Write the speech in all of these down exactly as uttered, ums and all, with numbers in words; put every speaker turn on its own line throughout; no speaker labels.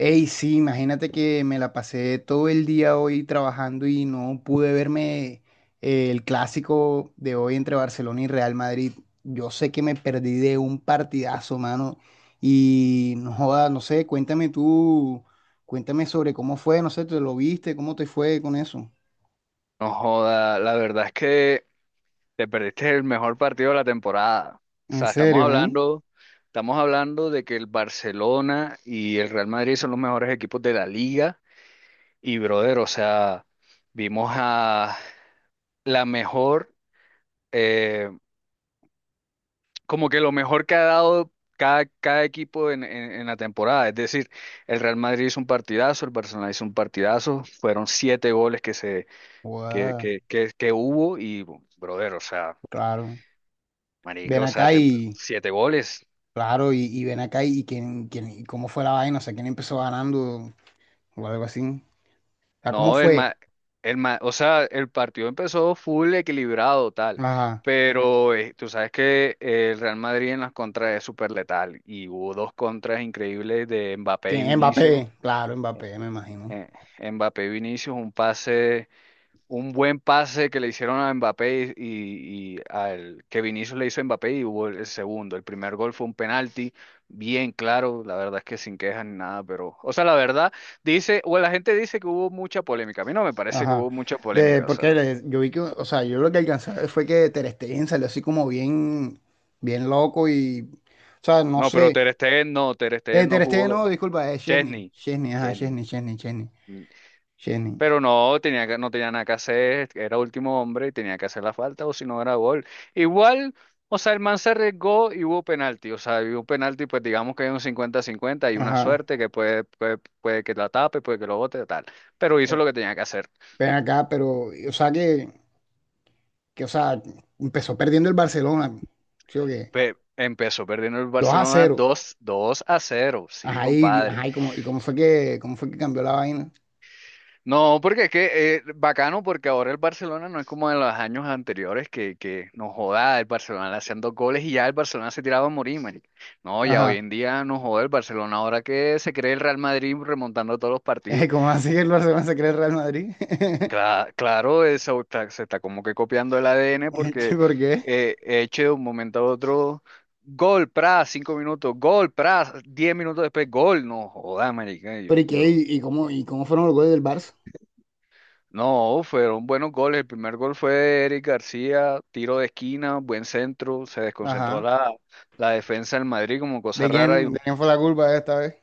Ey, sí, imagínate que me la pasé todo el día hoy trabajando y no pude verme eh, el clásico de hoy entre Barcelona y Real Madrid. Yo sé que me perdí de un partidazo, mano. Y no joda, no sé, cuéntame tú, cuéntame sobre cómo fue, no sé, ¿te lo viste? ¿Cómo te fue con eso?
No joda, la verdad es que te perdiste el mejor partido de la temporada. O
En
sea, estamos
serio, ¿eh?
hablando, estamos hablando de que el Barcelona y el Real Madrid son los mejores equipos de la liga. Y brother, o sea, vimos a la mejor, eh, como que lo mejor que ha dado cada, cada equipo en, en en la temporada. Es decir, el Real Madrid hizo un partidazo, el Barcelona hizo un partidazo, fueron siete goles que se que,
Guau,
que, que, que hubo y, brother, o sea,
claro.
marica,
Ven
o sea,
acá
te-
y,
siete goles.
claro, y, y ven acá y, quién, quién, y cómo fue la vaina, o sea, quién empezó ganando o algo así. O sea, ¿cómo
No, el
fue?
ma, el ma- o sea, el partido empezó full equilibrado, tal.
Ajá.
Pero eh, tú sabes que el Real Madrid en las contras es súper letal. Y hubo dos contras increíbles de Mbappé y
¿Quién?
Vinicius.
Mbappé, claro, Mbappé, me imagino.
Eh, Mbappé y Vinicius, un pase. Un buen pase que le hicieron a Mbappé y, y al que Vinicius le hizo a Mbappé y hubo el segundo. El primer gol fue un penalti, bien claro, la verdad es que sin quejas ni nada, pero, o sea, la verdad dice, o la gente dice que hubo mucha polémica. A mí no me parece que
Ajá.
hubo mucha
De,
polémica, o
porque
sea,
le- yo vi que, o sea, yo lo que alcancé a ver fue que Ter Stegen salió así como bien, bien loco y, o sea, no
no, pero
sé.
Ter Stegen no, Ter
Eh,
Stegen no
Ter Stegen, no,
jugó.
disculpa, es Chesney.
Chesney,
Chesney, ajá,
Chesney.
Chesney, Chesney, Chesney, Chesney.
Pero no tenía que- no tenía nada que hacer, era último hombre y tenía que hacer la falta, o si no era gol. Igual, o sea, el man se arriesgó y hubo penalti. O sea, hubo penalti, pues digamos que hay un cincuenta cincuenta, hay una
Ajá.
suerte que puede, puede, puede que la tape, puede que lo bote, tal. Pero hizo
O-
lo que tenía que hacer.
Ven acá, pero, o sea, que, que, o sea, empezó perdiendo el Barcelona, ¿sí o qué?
Pe- empezó perdiendo el
dos a
Barcelona
cero.
dos dos a cero. Sí,
Ajá, y,
compadre.
ajá, y cómo, y cómo fue que, cómo fue que cambió la vaina.
No, porque es que eh, bacano, porque ahora el Barcelona no es como en los años anteriores que, que nos joda el Barcelona le hacían dos goles y ya el Barcelona se tiraba a morir, marica. No, ya
Ajá.
hoy en día nos joda el Barcelona, ahora que se cree el Real Madrid remontando todos los
Eh,
partidos.
¿cómo así que el Barcelona se cree el Real Madrid?
Cla- claro, eso está- se está como que copiando el A D N
¿Y
porque
por qué?
eh, eche de un momento a otro gol, pra, cinco minutos, gol, pra, diez minutos después, gol, no joda, marica. Yo,
Pero ¿y qué?
yo
¿Y, y cómo, y cómo fueron los goles del Barça?
No, fueron buenos goles. El primer gol fue de Eric García, tiro de esquina, buen centro, se desconcentró
Ajá.
la, la defensa del Madrid como
¿De
cosa rara y
quién, de quién fue la culpa esta vez?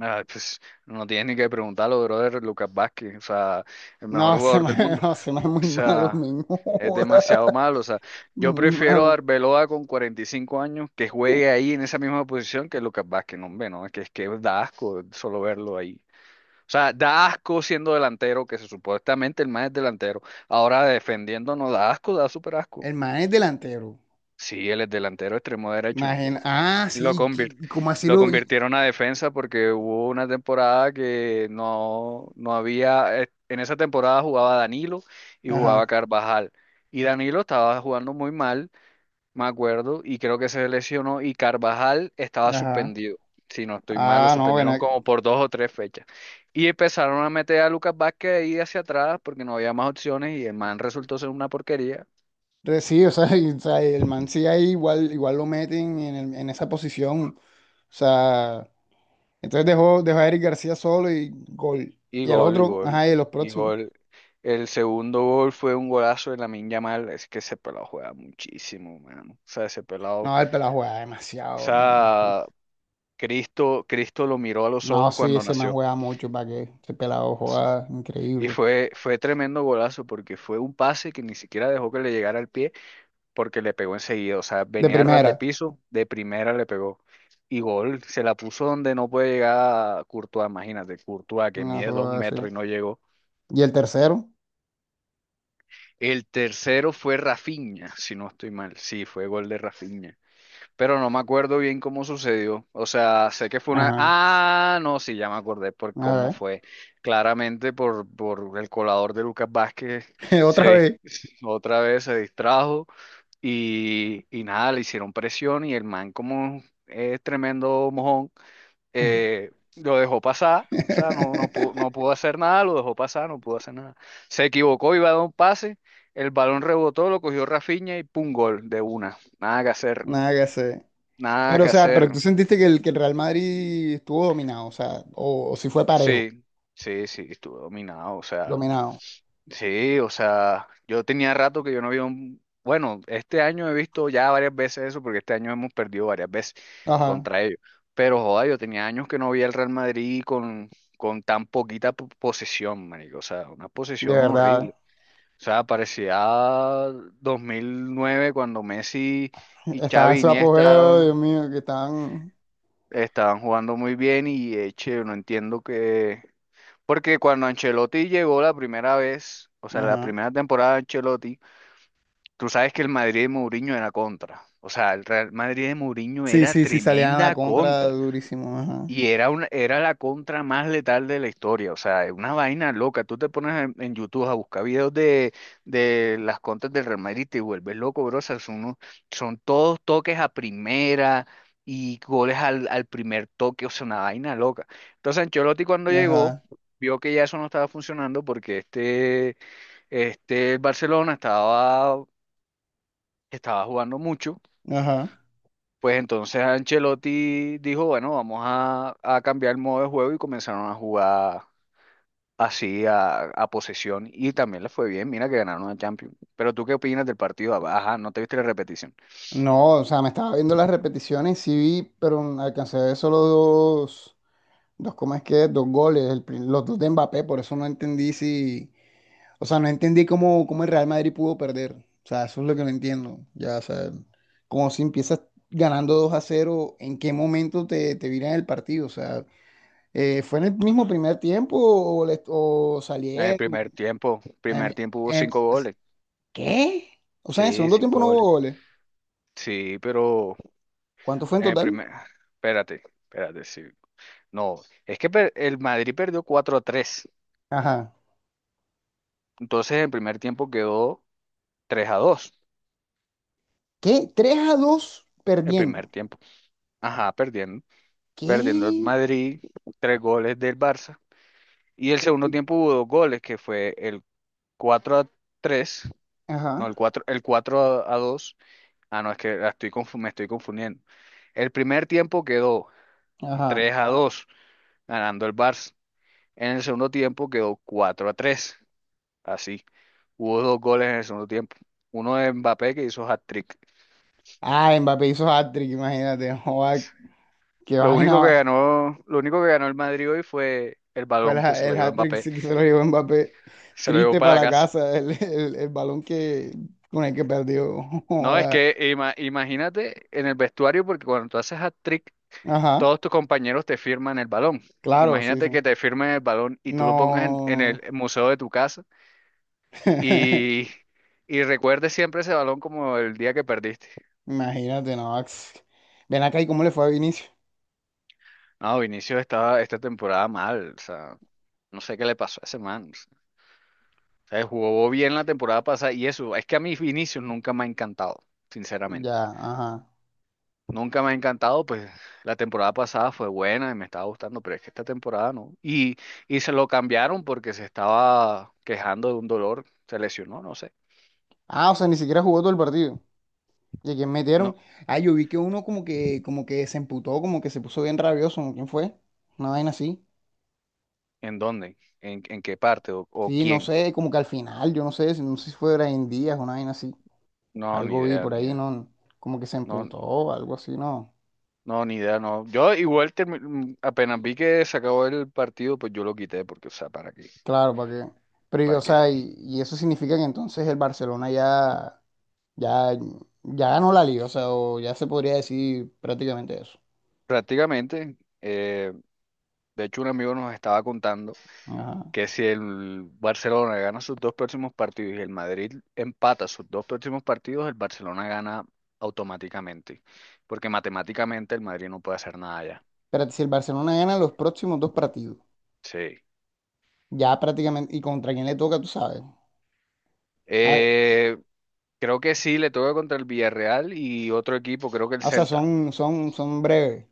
ah, pues, no tienes ni que preguntarlo, brother, Lucas Vázquez, o sea, el mejor
No, se
jugador
me,
del mundo.
no, se me
O
es muy malo,
sea,
men. No
es
joda.
demasiado malo, o sea, yo
Muy
prefiero a
malo.
Arbeloa con cuarenta y cinco años que juegue ahí en esa misma posición que Lucas Vázquez, no, hombre, no, es que, es que da asco solo verlo ahí. O sea, da asco siendo delantero, que se supuestamente el más es delantero. Ahora defendiéndonos da asco, da súper asco.
El man es delantero.
Sí, él es delantero extremo derecho.
Imagina. Ah,
Y Lo
sí,
convir-
y- como así
lo
lo. Y-
convirtieron a defensa porque hubo una temporada que no, no había. eh, En esa temporada jugaba Danilo y jugaba
Ajá,
Carvajal. Y Danilo estaba jugando muy mal me acuerdo, y creo que se lesionó y Carvajal estaba
ajá.
suspendido. Si no estoy mal, lo
Ah, no, bueno.
suspendieron como por dos o tres fechas. Y empezaron a meter a Lucas Vázquez ahí hacia atrás porque no había más opciones y el man resultó ser una porquería.
eh, Sí, o sea, y- o sea, el man sí ahí igual, igual lo meten en, el- en esa posición. O sea, entonces dejó, dejó a Eric García solo y gol.
Y
Y al
gol, y
otro,
gol,
ajá, y los
y
próximos.
gol. El segundo gol fue un golazo de Lamine Yamal. Es que ese pelado juega muchísimo, mano. O sea, ese pelado.
No, el pelado juega
O
demasiado, men.
sea, Cristo, Cristo lo miró a los
No,
ojos
sí,
cuando
ese man
nació.
juega mucho, ¿para qué? Ese pelado juega
Y
increíble.
fue, fue tremendo golazo porque fue un pase que ni siquiera dejó que le llegara al pie porque le pegó enseguida. O sea,
De
venía a ras
primera,
de piso, de primera le pegó. Y gol, se la puso donde no puede llegar Courtois, imagínate, Courtois que
no
mide dos
juega así.
metros y no llegó.
¿Y el tercero?
El tercero fue Rafinha, si no estoy mal. Sí, fue gol de Rafinha, pero no me acuerdo bien cómo sucedió. O sea, sé que fue una...
Ajá,
Ah, no, sí, ya me acordé por cómo
a
fue. Claramente por, por el colador de Lucas Vázquez
ver, otra
se dis-
vez.
otra vez se distrajo y, y nada, le hicieron presión y el man como es tremendo mojón, eh, lo dejó pasar. O sea, no, no pudo, no pudo hacer nada, lo dejó pasar, no pudo hacer nada. Se equivocó, iba a dar un pase, el balón rebotó, lo cogió Rafinha y pum, gol de una. Nada que hacer.
Nada que hacer.
Nada
Pero, o
que
sea, pero tú
hacer.
sentiste que el, que el Real Madrid estuvo dominado, o sea, o, o si fue parejo,
Sí, sí, sí, estuve dominado. O sea,
dominado.
sí, o sea, yo tenía rato que yo no había un... Bueno, este año he visto ya varias veces eso, porque este año hemos perdido varias veces
Ajá,
contra ellos. Pero joda, yo tenía años que no veía el Real Madrid con, con tan poquita po- posesión, marico. O sea, una
de
posesión horrible.
verdad.
O sea, parecía dos mil nueve cuando Messi y
Estaban en
Xavi
su apogeo,
Iniesta
Dios mío, que estaban.
estaban jugando muy bien y eche, no entiendo que porque cuando Ancelotti llegó la primera vez, o sea, la
Ajá.
primera temporada de Ancelotti, tú sabes que el Madrid de Mourinho era contra. O sea, el Real Madrid de Mourinho
Sí,
era
sí, sí, salían a la
tremenda
contra
contra.
durísimo, ajá.
Y era, una, era la contra más letal de la historia, o sea, es una vaina loca. Tú te pones en, en YouTube a buscar videos de, de las contras del Real Madrid y te vuelves loco, bro. O sea, son, unos- son todos toques a primera y goles al, al primer toque, o sea, una vaina loca. Entonces, Ancelotti cuando llegó,
Ajá,
vio que ya eso no estaba funcionando porque este, este Barcelona estaba, estaba jugando mucho.
ajá.
Pues entonces Ancelotti dijo, bueno, vamos a, a cambiar el modo de juego y comenzaron a jugar así a, a posesión y también les fue bien, mira que ganaron la Champions. Pero ¿tú qué opinas del partido? Ah, ajá, ¿no te viste la repetición?
No, o sea, me estaba viendo las repeticiones, sí vi, pero alcancé a ver solo dos, dos, ¿cómo es que? Es? Dos goles, el pri- los dos de Mbappé, por eso no entendí si, o sea, no entendí cómo, cómo el Real Madrid pudo perder, o sea, eso es lo que no entiendo, ya, o sea, como si empiezas ganando dos a cero, ¿en qué momento te, te viran el partido? O sea, eh, ¿fue en el mismo primer tiempo o, le- o
El
salieron?
primer tiempo, primer
Em,
tiempo hubo
em,
cinco goles.
¿qué? O sea, en el
Sí,
segundo tiempo
cinco
no
goles.
hubo goles,
Sí, pero
¿cuánto fue en
en el
total?
primer, espérate, espérate, sí. No, es que per- el Madrid perdió cuatro a 3.
Ajá.
Entonces el primer tiempo quedó tres a dos.
¿Qué? Tres a dos
El primer
perdiendo.
tiempo. Ajá, perdiendo. Perdiendo el
¿Qué?
Madrid, tres goles del Barça. Y el segundo tiempo hubo dos goles, que fue el cuatro a tres,
Ajá,
no, el cuatro el cuatro a, a 2. Ah, no, es que la estoy confu- me estoy confundiendo. El primer tiempo quedó
ajá.
tres a dos ganando el Barça. En el segundo tiempo quedó cuatro a tres así. Hubo dos goles en el segundo tiempo. Uno de Mbappé que hizo hat-trick.
Ah, Mbappé hizo hat-trick, imagínate. Joda, qué
Lo único que
vaina.
ganó, lo único que ganó el Madrid hoy fue el
Fue
balón que
la-
se lo
el
llevó
hat-trick
Mbappé.
sí que se lo llevó Mbappé.
Se lo llevó
Triste
para la
para la
casa.
casa, el, el- el balón que, con el que perdió.
No, es
Joda.
que ima- imagínate en el vestuario, porque cuando tú haces hat-trick,
Ajá,
todos tus compañeros te firman el balón.
claro, sí,
Imagínate
sí.
que te firmen el balón y tú lo pongas en, en
No.
el museo de tu casa y, y recuerdes siempre ese balón como el día que perdiste.
Imagínate, no. Ax. Ven acá y cómo le fue a Vinicius.
No, Vinicius estaba esta temporada mal, o sea, no sé qué le pasó a ese man. O sea, jugó bien la temporada pasada y eso, es que a mí Vinicius nunca me ha encantado, sinceramente.
Ya, ajá.
Nunca me ha encantado, pues la temporada pasada fue buena y me estaba gustando, pero es que esta temporada no. Y, y se lo cambiaron porque se estaba quejando de un dolor, se lesionó, no sé.
Ah, o sea, ni siquiera jugó todo el partido. ¿Y a quién metieron?
No,
Ah, yo vi que uno como que, como que se emputó, como que se puso bien rabioso, ¿no? ¿Quién fue? Una vaina así.
¿en dónde? ¿En, en qué parte? ¿O, o
Sí, no
quién?
sé, como que al final, yo no sé, si- no sé si fue Brian Díaz, una vaina así.
No, ni
Algo vi
idea,
por
ni
ahí,
idea.
¿no? Como que se
No,
emputó, algo así, ¿no?
no, ni idea, no. Yo igual termi- mm, apenas vi que se acabó el partido, pues yo lo quité, porque, o sea, ¿para qué?
Claro, ¿para qué? Pero, y, o
¿Para qué?
sea, y, y eso significa que entonces el Barcelona ya, ya, ya ganó la liga, o sea, o ya se podría decir prácticamente eso.
Prácticamente. eh, De hecho, un amigo nos estaba contando
Ajá.
que si el Barcelona gana sus dos próximos partidos y el Madrid empata sus dos próximos partidos, el Barcelona gana automáticamente, porque matemáticamente el Madrid no puede hacer nada ya.
Pero si el Barcelona gana los próximos dos partidos,
Sí.
ya prácticamente, ¿y contra quién le toca, tú sabes? Ah,
Eh, Creo que sí, le toca contra el Villarreal y otro equipo, creo que el
o sea,
Celta.
son, son, son breves,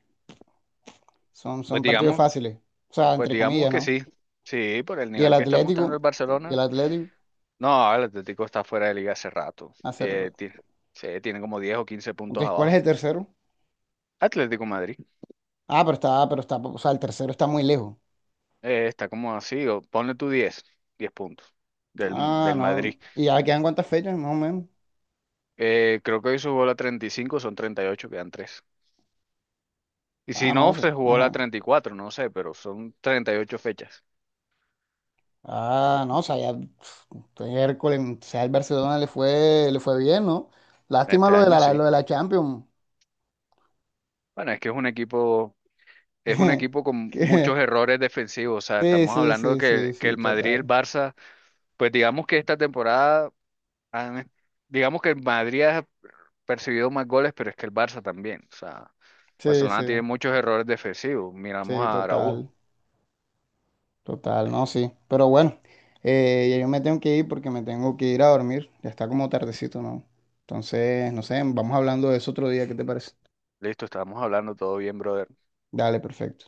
son,
Pues
son partidos
digamos,
fáciles, o sea,
pues
entre
digamos
comillas,
que
¿no?
sí. Sí, por el
Y el
nivel que está mostrando el
Atlético, y el
Barcelona.
Atlético,
No, el Atlético está fuera de liga hace rato.
hacer.
Tiene, tiene, sí, tiene como diez o quince puntos
Entonces, ¿cuál es
abajo.
el tercero?
Atlético Madrid,
Ah, pero está, pero está, o sea, el tercero está muy lejos.
eh, está como así, o ponle tu diez, diez puntos del,
Ah,
del Madrid.
no. ¿Y ya quedan cuántas fechas, más o menos?
Eh, creo que hoy se jugó la treinta y cinco, son treinta y ocho, quedan tres. Y si
Ah, no
no,
sé.
se jugó la
Ajá.
treinta y cuatro, no sé, pero son treinta y ocho fechas.
Ah, no, o sea, ya pf, este miércoles, o sea, el Barcelona le fue, le fue bien, ¿no? Lástima
Este
lo de
año
la, lo
sí.
de la Champions.
Bueno, es que es un equipo, es un equipo con muchos
Que-
errores defensivos. O sea,
Sí,
estamos
sí,
hablando de
sí, sí,
que, que
sí,
el Madrid y el
total.
Barça, pues digamos que esta temporada, han- digamos que el Madrid ha percibido más goles, pero es que el Barça también. O sea,
Sí, sí,
Barcelona tiene muchos errores defensivos. Miramos
sí,
a Araujo.
total. Total, no, sí. Pero bueno, eh, ya yo me tengo que ir porque me tengo que ir a dormir. Ya está como tardecito, ¿no? Entonces, no sé, vamos hablando de eso otro día, ¿qué te parece?
Listo, estábamos hablando todo bien, brother.
Dale, perfecto.